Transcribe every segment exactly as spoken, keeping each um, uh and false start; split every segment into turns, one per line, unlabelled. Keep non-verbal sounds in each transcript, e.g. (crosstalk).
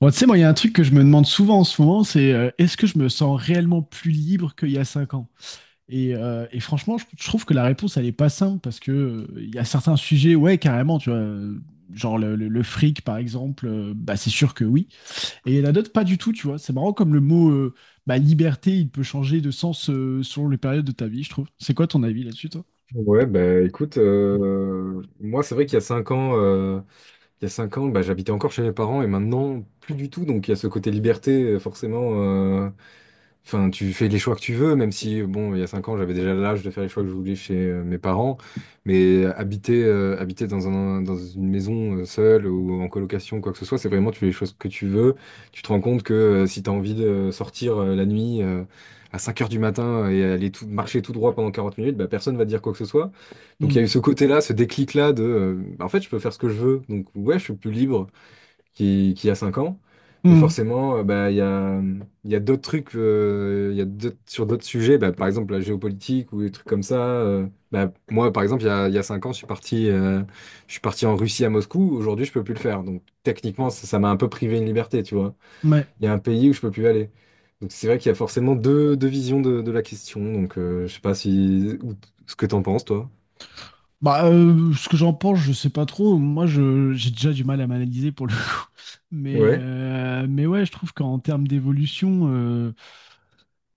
Bon, tu sais, moi, il y a un truc que je me demande souvent en ce moment, c'est euh, est-ce que je me sens réellement plus libre qu'il y a cinq ans? Et, euh, et franchement, je, je trouve que la réponse, elle est pas simple parce que euh, il y a certains sujets, ouais, carrément, tu vois, euh, genre le, le- le fric, par exemple, euh, bah, c'est sûr que oui. Et il y en a d'autres, pas du tout, tu vois. C'est marrant comme le mot euh, bah, liberté, il peut changer de sens euh, selon les périodes de ta vie, je trouve. C'est quoi ton avis là-dessus, toi?
Ouais, bah écoute, euh, moi c'est vrai qu'il y a cinq ans, euh, il y a cinq ans, bah, j'habitais encore chez mes parents et maintenant plus du tout. Donc il y a ce côté liberté, euh, forcément. euh, Enfin, tu fais les choix que tu veux, même si bon, il y a cinq ans, j'avais déjà l'âge de faire les choix que je voulais chez euh, mes parents. Mais habiter, euh, habiter dans un, dans une maison euh, seule ou en colocation, quoi que ce soit, c'est vraiment tu fais les choses que tu veux. Tu te rends compte que euh, si tu as envie de sortir euh, la nuit euh, à cinq heures du matin et aller tout, marcher tout droit pendant quarante minutes, bah, personne va te dire quoi que ce soit. Donc
Hmm.
il y a eu ce côté-là, ce déclic-là de euh, bah, en fait je peux faire ce que je veux, donc ouais je suis plus libre qu'il qu'il y a cinq ans, mais
Hmm.
forcément euh, bah, il y a, il y a d'autres trucs, euh, il y a d'autres- sur d'autres sujets, bah, par exemple la géopolitique ou des trucs comme ça. Euh, bah, moi par exemple il y a, il y a cinq ans je suis parti, euh, je suis parti en Russie à Moscou, aujourd'hui je peux plus le faire, donc techniquement ça ça m'a un peu privé une liberté, tu vois.
Ouais.
Il y a un pays où je peux plus aller. Donc c'est vrai qu'il y a forcément deux, deux visions de, de la question, donc euh, je sais pas si ou- ce que t'en penses toi.
Bah, euh, ce que j'en pense, je sais pas trop. Moi, je, j'ai déjà du mal à m'analyser pour le coup. (laughs) Mais,
Ouais.
euh, mais ouais, je trouve qu'en termes d'évolution, euh,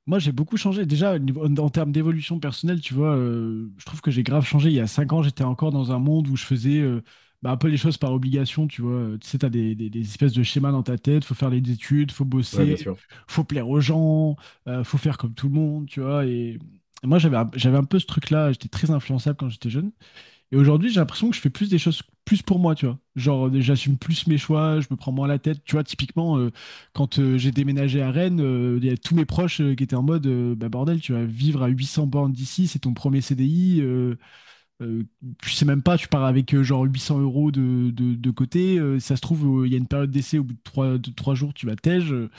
moi, j'ai beaucoup changé. Déjà, au niveau- en, en termes d'évolution personnelle, tu vois, euh, je trouve que j'ai grave changé. Il y a cinq ans, j'étais encore dans un monde où je faisais euh, bah, un peu les choses par obligation, tu vois. Euh, Tu sais, t'as des, des, des espèces de schémas dans ta tête. Faut faire les études, faut
Ouais, bien
bosser,
sûr.
faut plaire aux gens, euh, faut faire comme tout le monde, tu vois. Et moi, j'avais un- j'avais un peu ce truc-là. J'étais très influençable quand j'étais jeune. Et aujourd'hui, j'ai l'impression que je fais plus des choses plus pour moi, tu vois. Genre, euh, j'assume plus mes choix, je me prends moins la tête. Tu vois, typiquement, euh, quand euh, j'ai déménagé à Rennes, euh, il y a tous mes proches euh, qui étaient en mode, euh, bah bordel, tu vas vivre à huit cents bornes d'ici, c'est ton premier C D I. euh, euh, Tu sais même pas, tu pars avec euh, genre huit cents euros de, de, de côté. Euh, si ça se trouve, euh, il y a une période d'essai, au bout de trois de trois jours, tu vas tège. Euh.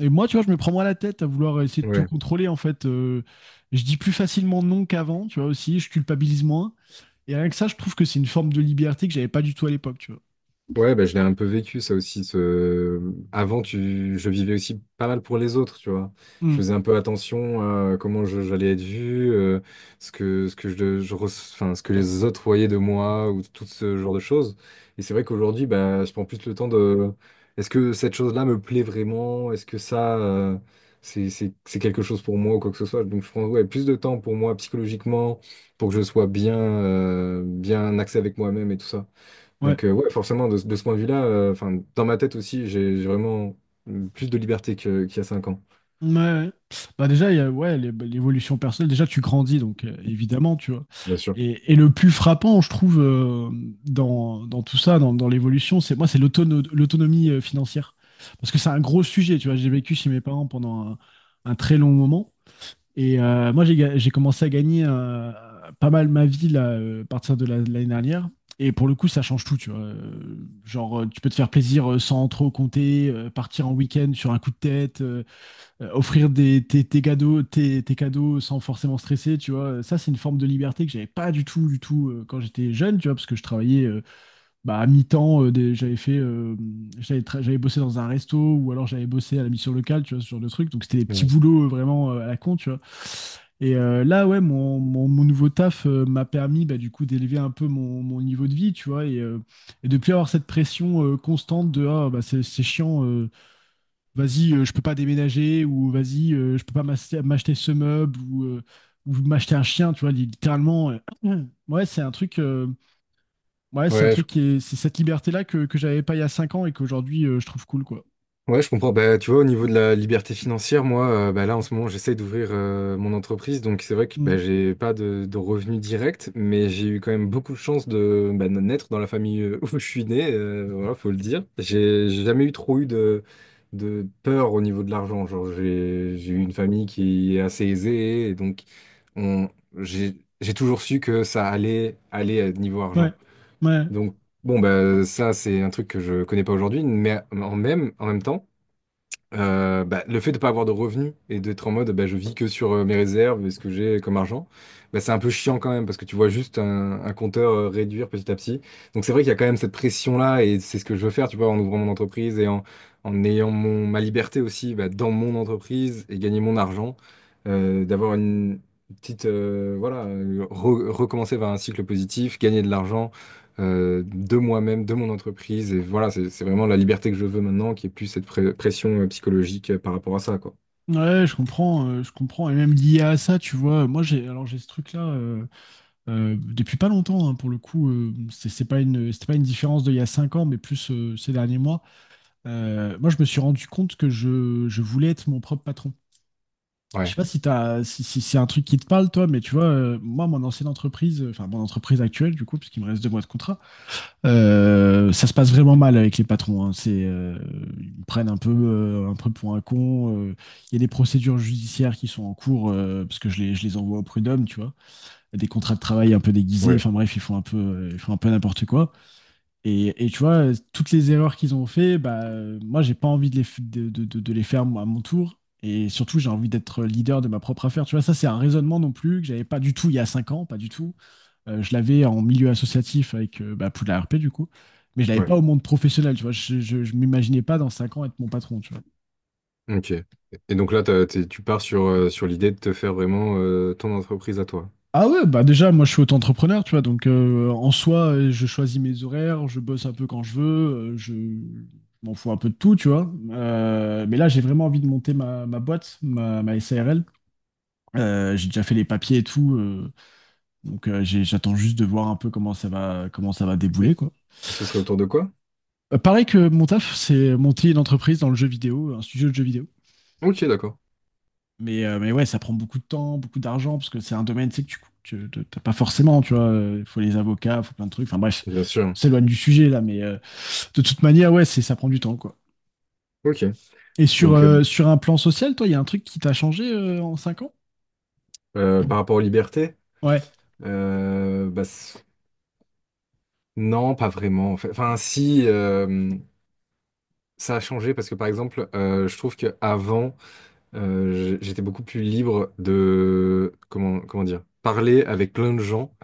Et moi, tu vois, je me prends moins la tête à vouloir essayer de tout
Ouais.
contrôler, en fait. Euh, je dis plus facilement non qu'avant, tu vois, aussi, je culpabilise moins. Et rien que ça, je trouve que c'est une forme de liberté que j'avais pas du tout à l'époque, tu vois.
Ouais, bah, je l'ai un peu vécu, ça aussi. Ce... Avant, tu... je vivais aussi pas mal pour les autres, tu vois. Je
Mm.
faisais un peu attention à comment je- j'allais être vu, euh, ce que, ce que je, je re- enfin, ce que les autres voyaient de moi, ou tout ce genre de choses. Et c'est vrai qu'aujourd'hui, bah, je prends plus le temps de... Est-ce que cette chose-là me plaît vraiment? Est-ce que ça, euh, c'est, c'est, c'est quelque chose pour moi ou quoi que ce soit? Donc, je prends, ouais, plus de temps pour moi psychologiquement, pour que je sois bien, euh, bien axé avec moi-même et tout ça.
Ouais.
Donc, euh, ouais, forcément, de, de ce point de vue-là, euh, enfin, dans ma tête aussi, j'ai j'ai vraiment euh, plus de liberté que- qu'il y a cinq ans,
Ouais, ouais. Bah déjà, il y a, ouais, l'é- l'évolution personnelle, déjà tu grandis, donc euh, évidemment, tu vois.
bien sûr.
Et, et le plus frappant, je trouve, euh, dans, dans tout ça, dans, dans l'évolution, c'est moi, c'est l'autono- l'autonomie euh, financière. Parce que c'est un gros sujet, tu vois. J'ai vécu chez mes parents pendant un, un très long moment. Et euh, moi, j'ai ga- j'ai commencé à gagner euh, pas mal ma vie là, euh, à partir de la- de l'année dernière. Et pour le coup, ça change tout, tu vois. Euh, Genre, euh, tu peux te faire plaisir euh, sans trop compter, euh, partir en week-end sur un coup de tête, euh, euh, offrir des, tes, tes cadeaux, tes, tes cadeaux sans forcément stresser, tu vois. Ça, c'est une forme de liberté que j'avais pas du tout, du tout euh, quand j'étais jeune, tu vois, parce que je travaillais euh, bah, à mi-temps, euh, des- j'avais fait, euh, j'avais tra- j'avais bossé dans un resto ou alors j'avais bossé à la mission locale, tu vois, ce genre de truc. Donc c'était des petits
Ouais,
boulots euh, vraiment euh, à la con, tu vois. Et euh, là, ouais, mon, mon, mon nouveau taf euh, m'a permis bah, du coup d'élever un peu mon, mon niveau de vie, tu vois, et, euh, et de plus avoir cette pression euh, constante de ah, bah, c'est c'est chiant, euh, vas-y, euh, je peux pas déménager ou vas-y, euh, je peux pas m'acheter m'acheter ce meuble ou, euh, ou m'acheter un chien, tu vois, littéralement. Euh, (clears throat) ouais, c'est un truc. euh, Ouais, c'est un
Ouais, je
truc qui est, c'est cette liberté-là que, que j'avais pas il y a cinq ans et qu'aujourd'hui euh, je trouve cool, quoi.
Ouais, je comprends. Bah, tu vois, au niveau de la liberté financière, moi, euh, bah, là, en ce moment, j'essaye d'ouvrir euh, mon entreprise. Donc, c'est vrai que
Mm.
bah, j'ai pas de, de revenus directs, mais j'ai eu quand même beaucoup de chance de, bah, de naître dans la famille euh, (laughs) où je suis né. Euh, voilà, faut le dire. J'ai j'ai jamais eu trop eu de, de peur au niveau de l'argent. Genre, j'ai j'ai eu une famille qui est assez aisée, et donc on, j'ai j'ai toujours su que ça allait aller à niveau
Ouais,
argent.
ouais,
Donc, bon, bah, ça, c'est un truc que je connais pas aujourd'hui, mais en même, en même temps. Euh, bah, le fait de pas avoir de revenus et d'être en mode bah, je vis que sur euh, mes réserves et ce que j'ai comme argent, bah, c'est un peu chiant quand même parce que tu vois juste un, un compteur euh, réduire petit à petit. Donc c'est vrai qu'il y a quand même cette pression-là et c'est ce que je veux faire, tu vois, en ouvrant mon entreprise et en, en ayant mon, ma liberté aussi bah, dans mon entreprise et gagner mon argent, euh, d'avoir une petite, euh, voilà, euh, re- recommencer vers un cycle positif, gagner de l'argent euh, de moi-même, de mon entreprise. Et voilà, c'est c'est vraiment la liberté que je veux maintenant, qui est plus cette pré- pression euh, psychologique euh, par rapport à ça, quoi.
ouais, je comprends, euh, je comprends. Et même lié à ça, tu vois, moi j'ai, alors j'ai ce truc-là euh, euh, depuis pas longtemps, hein, pour le coup, euh, c'est c'est pas une, c'était pas une différence de il y a cinq ans, mais plus euh, ces derniers mois. Euh, moi, je me suis rendu compte que je, je voulais être mon propre patron. Je sais
Ouais,
pas si t'as, si, si c'est un truc qui te parle, toi, mais tu vois, euh, moi, mon ancienne entreprise, euh, enfin mon entreprise actuelle, du coup, puisqu'il me reste deux mois de contrat. Euh, ça se passe vraiment mal avec les patrons, hein. C'est, euh, ils prennent un peu, euh, un peu pour un con. Euh. Il y a des procédures judiciaires qui sont en cours euh, parce que je les, je les envoie au prud'homme, tu vois. Des contrats de travail un peu déguisés.
ouais,
Enfin bref, ils font un peu, euh, ils font un peu n'importe quoi. Et, et tu vois, euh, toutes les erreurs qu'ils ont fait, bah, euh, moi, j'ai pas envie de les, f- de, de- de- de les faire moi, à mon tour. Et surtout, j'ai envie d'être leader de ma propre affaire. Tu vois, ça, c'est un raisonnement non plus que j'avais pas du tout il y a cinq ans, pas du tout. Euh, je l'avais en milieu associatif avec euh, bah, Poudlard R P du coup, mais je l'avais
ouais.
pas au monde professionnel, tu vois. Je, je, je m'imaginais pas dans cinq ans être mon patron, tu vois.
Ok. Et donc là, t'as- t'es- tu pars sur, euh, sur l'idée de te faire vraiment euh, ton entreprise à toi.
Ah ouais, bah déjà, moi je suis auto-entrepreneur, tu vois, donc euh, en soi, euh, je choisis mes horaires, je bosse un peu quand je veux, euh, je je m'en fous un peu de tout, tu vois. Euh, mais là, j'ai vraiment envie de monter ma, ma boîte, ma, ma S A R L. Euh, j'ai déjà fait les papiers et tout, euh, donc euh, j'ai- j'attends juste de voir un peu comment ça va, comment ça va
Et
débouler, quoi.
et ce serait autour de quoi?
Euh, pareil que mon taf, c'est monter une entreprise dans le jeu vidéo, un studio de jeux vidéo.
Ok, d'accord.
Mais, euh, mais ouais, ça prend beaucoup de temps, beaucoup d'argent, parce que c'est un domaine, tu sais, que tu, tu t'as pas forcément, tu vois. Il faut les avocats, il faut plein de trucs. Enfin bref,
Bien
on
sûr.
s'éloigne du sujet là, mais euh, de toute manière, ouais, c'est, ça prend du temps, quoi.
Ok.
Et sur,
Donc, euh,
euh, sur un plan social, toi, il y a un truc qui t'a changé euh, en cinq ans?
euh, par rapport aux libertés,
Ouais.
euh, bah, c- non, pas vraiment, en fait. Enfin, si, euh, ça a changé parce que, par exemple, euh, je trouve qu'avant, euh, j'- j'étais beaucoup plus libre de, comment, comment dire, parler avec plein de gens.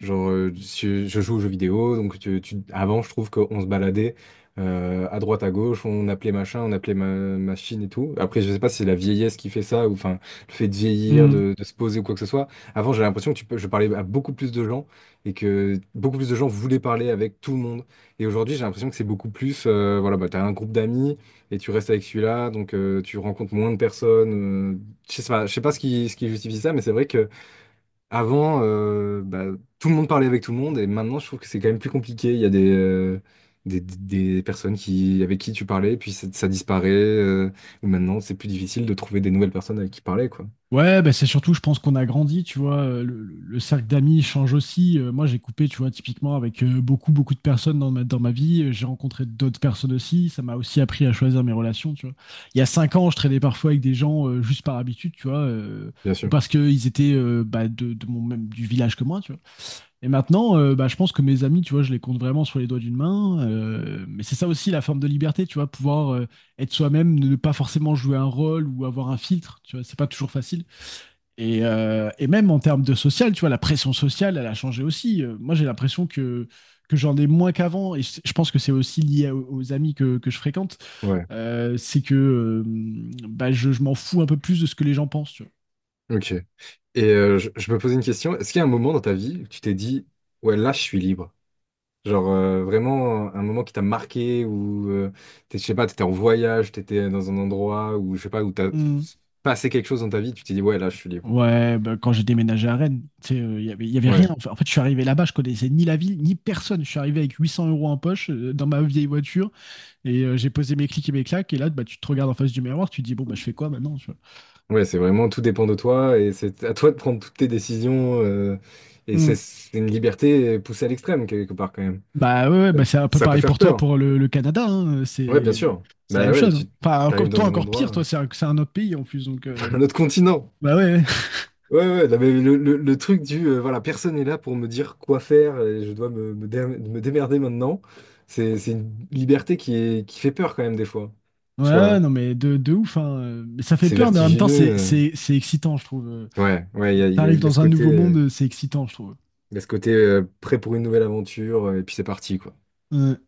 Genre, euh, je, je joue aux jeux vidéo, donc tu, tu- avant, je trouve qu'on se baladait euh, à droite, à gauche, on appelait machin, on appelait ma- machine et tout. Après, je sais pas si c'est la vieillesse qui fait ça, ou enfin, le fait de vieillir, de, de se poser ou quoi que ce soit. Avant, j'avais l'impression que tu peux, je parlais à beaucoup plus de gens et que beaucoup plus de gens voulaient parler avec tout le monde. Et aujourd'hui, j'ai l'impression que c'est beaucoup plus, euh, voilà, bah, t'as un groupe d'amis et tu restes avec celui-là, donc euh, tu rencontres moins de personnes. euh, je sais pas, je sais pas ce qui, ce qui justifie ça, mais c'est vrai que avant, euh, bah, tout le monde parlait avec tout le monde, et maintenant je trouve que c'est quand même plus compliqué. Il y a des, euh, des, des- des personnes qui, avec qui tu parlais, puis ça, ça disparaît, euh, ou maintenant c'est plus difficile de trouver des nouvelles personnes avec qui parler, quoi.
Ouais, bah c'est surtout, je pense qu'on a grandi, tu vois. Euh, Le, le- le cercle d'amis change aussi. Euh, moi, j'ai coupé, tu vois, typiquement avec euh, beaucoup, beaucoup de personnes dans ma, dans ma vie. Euh, J'ai rencontré d'autres personnes aussi. Ça m'a aussi appris à choisir mes relations, tu vois. Il y a cinq ans, je traînais parfois avec des gens euh, juste par habitude, tu vois, euh,
Bien
ou
sûr.
parce qu'ils étaient euh, bah, de, de mon même du village que moi, tu vois. Et maintenant, euh, bah, je pense que mes amis, tu vois, je les compte vraiment sur les doigts d'une main. Euh, mais c'est ça aussi la forme de liberté, tu vois, pouvoir euh, être soi-même, ne pas forcément jouer un rôle ou avoir un filtre, tu vois. C'est pas toujours facile. Et, euh, et même en termes de social, tu vois, la pression sociale, elle a changé aussi. Euh, moi, j'ai l'impression que, que j'en ai moins qu'avant, et je, je pense que c'est aussi lié à- aux amis que, que je fréquente.
Ouais.
Euh, c'est que euh, bah, je, je m'en fous un peu plus de ce que les gens pensent, tu vois.
Ok. Et euh, je, je me posais une question. Est-ce qu'il y a un moment dans ta vie où tu t'es dit, ouais, là je suis libre? Genre euh, vraiment un moment qui t'a marqué ou euh, t'es- je sais pas, t'étais en voyage, t'étais dans un endroit où je sais pas où t'as
Hmm.
passé quelque chose dans ta vie, tu t'es dit ouais là je suis libre.
Ouais, bah, quand j'ai déménagé à Rennes, tu sais, euh, il y avait, il y avait rien.
Ouais,
En fait, en fait, je suis arrivé là-bas, je connaissais ni la ville, ni personne. Je suis arrivé avec huit cents euros en poche euh, dans ma vieille voiture et euh, j'ai posé mes clics et mes claques. Et là, bah, tu te regardes en face du miroir, tu te dis, bon, bah, je fais quoi maintenant, tu vois?
ouais, c'est vraiment tout dépend de toi et c'est à toi de prendre toutes tes décisions euh, et
Mm.
c'est c'est une liberté poussée à l'extrême quelque part quand même.
Bah ouais, ouais, bah, c'est un peu
Ça peut
pareil
faire
pour toi,
peur.
pour le, le Canada, hein. euh,
Ouais, bien
C'est
sûr.
c'est la même
Bah ouais,
chose,
tu
hein. Enfin,
t'arrives
encore- toi,
dans un
encore pire, toi,
endroit,
c'est un, c'est un autre pays en plus. Donc, euh,
(laughs) un autre continent.
bah ouais, (laughs)
Ouais, ouais, non, mais le, le- le truc du euh, voilà, personne n'est là pour me dire quoi faire et je dois me, me dé- me démerder maintenant. C'est, c'est une liberté qui est, qui fait peur quand même des fois.
ouais,
Je sais
ouais,
pas,
non, mais de, de ouf, hein. euh, Mais ça fait
c'est
peur, mais en même temps,
vertigineux.
c'est
euh.
c'est- c'est excitant, je trouve. Euh.
Ouais, ouais, il y
Tu
a, il y a-
t'arrives
il y a ce
dans un
côté,
nouveau
euh,
monde, c'est excitant, je trouve.
il y a ce côté euh, prêt pour une nouvelle aventure euh, et puis c'est parti, quoi.
Ouais.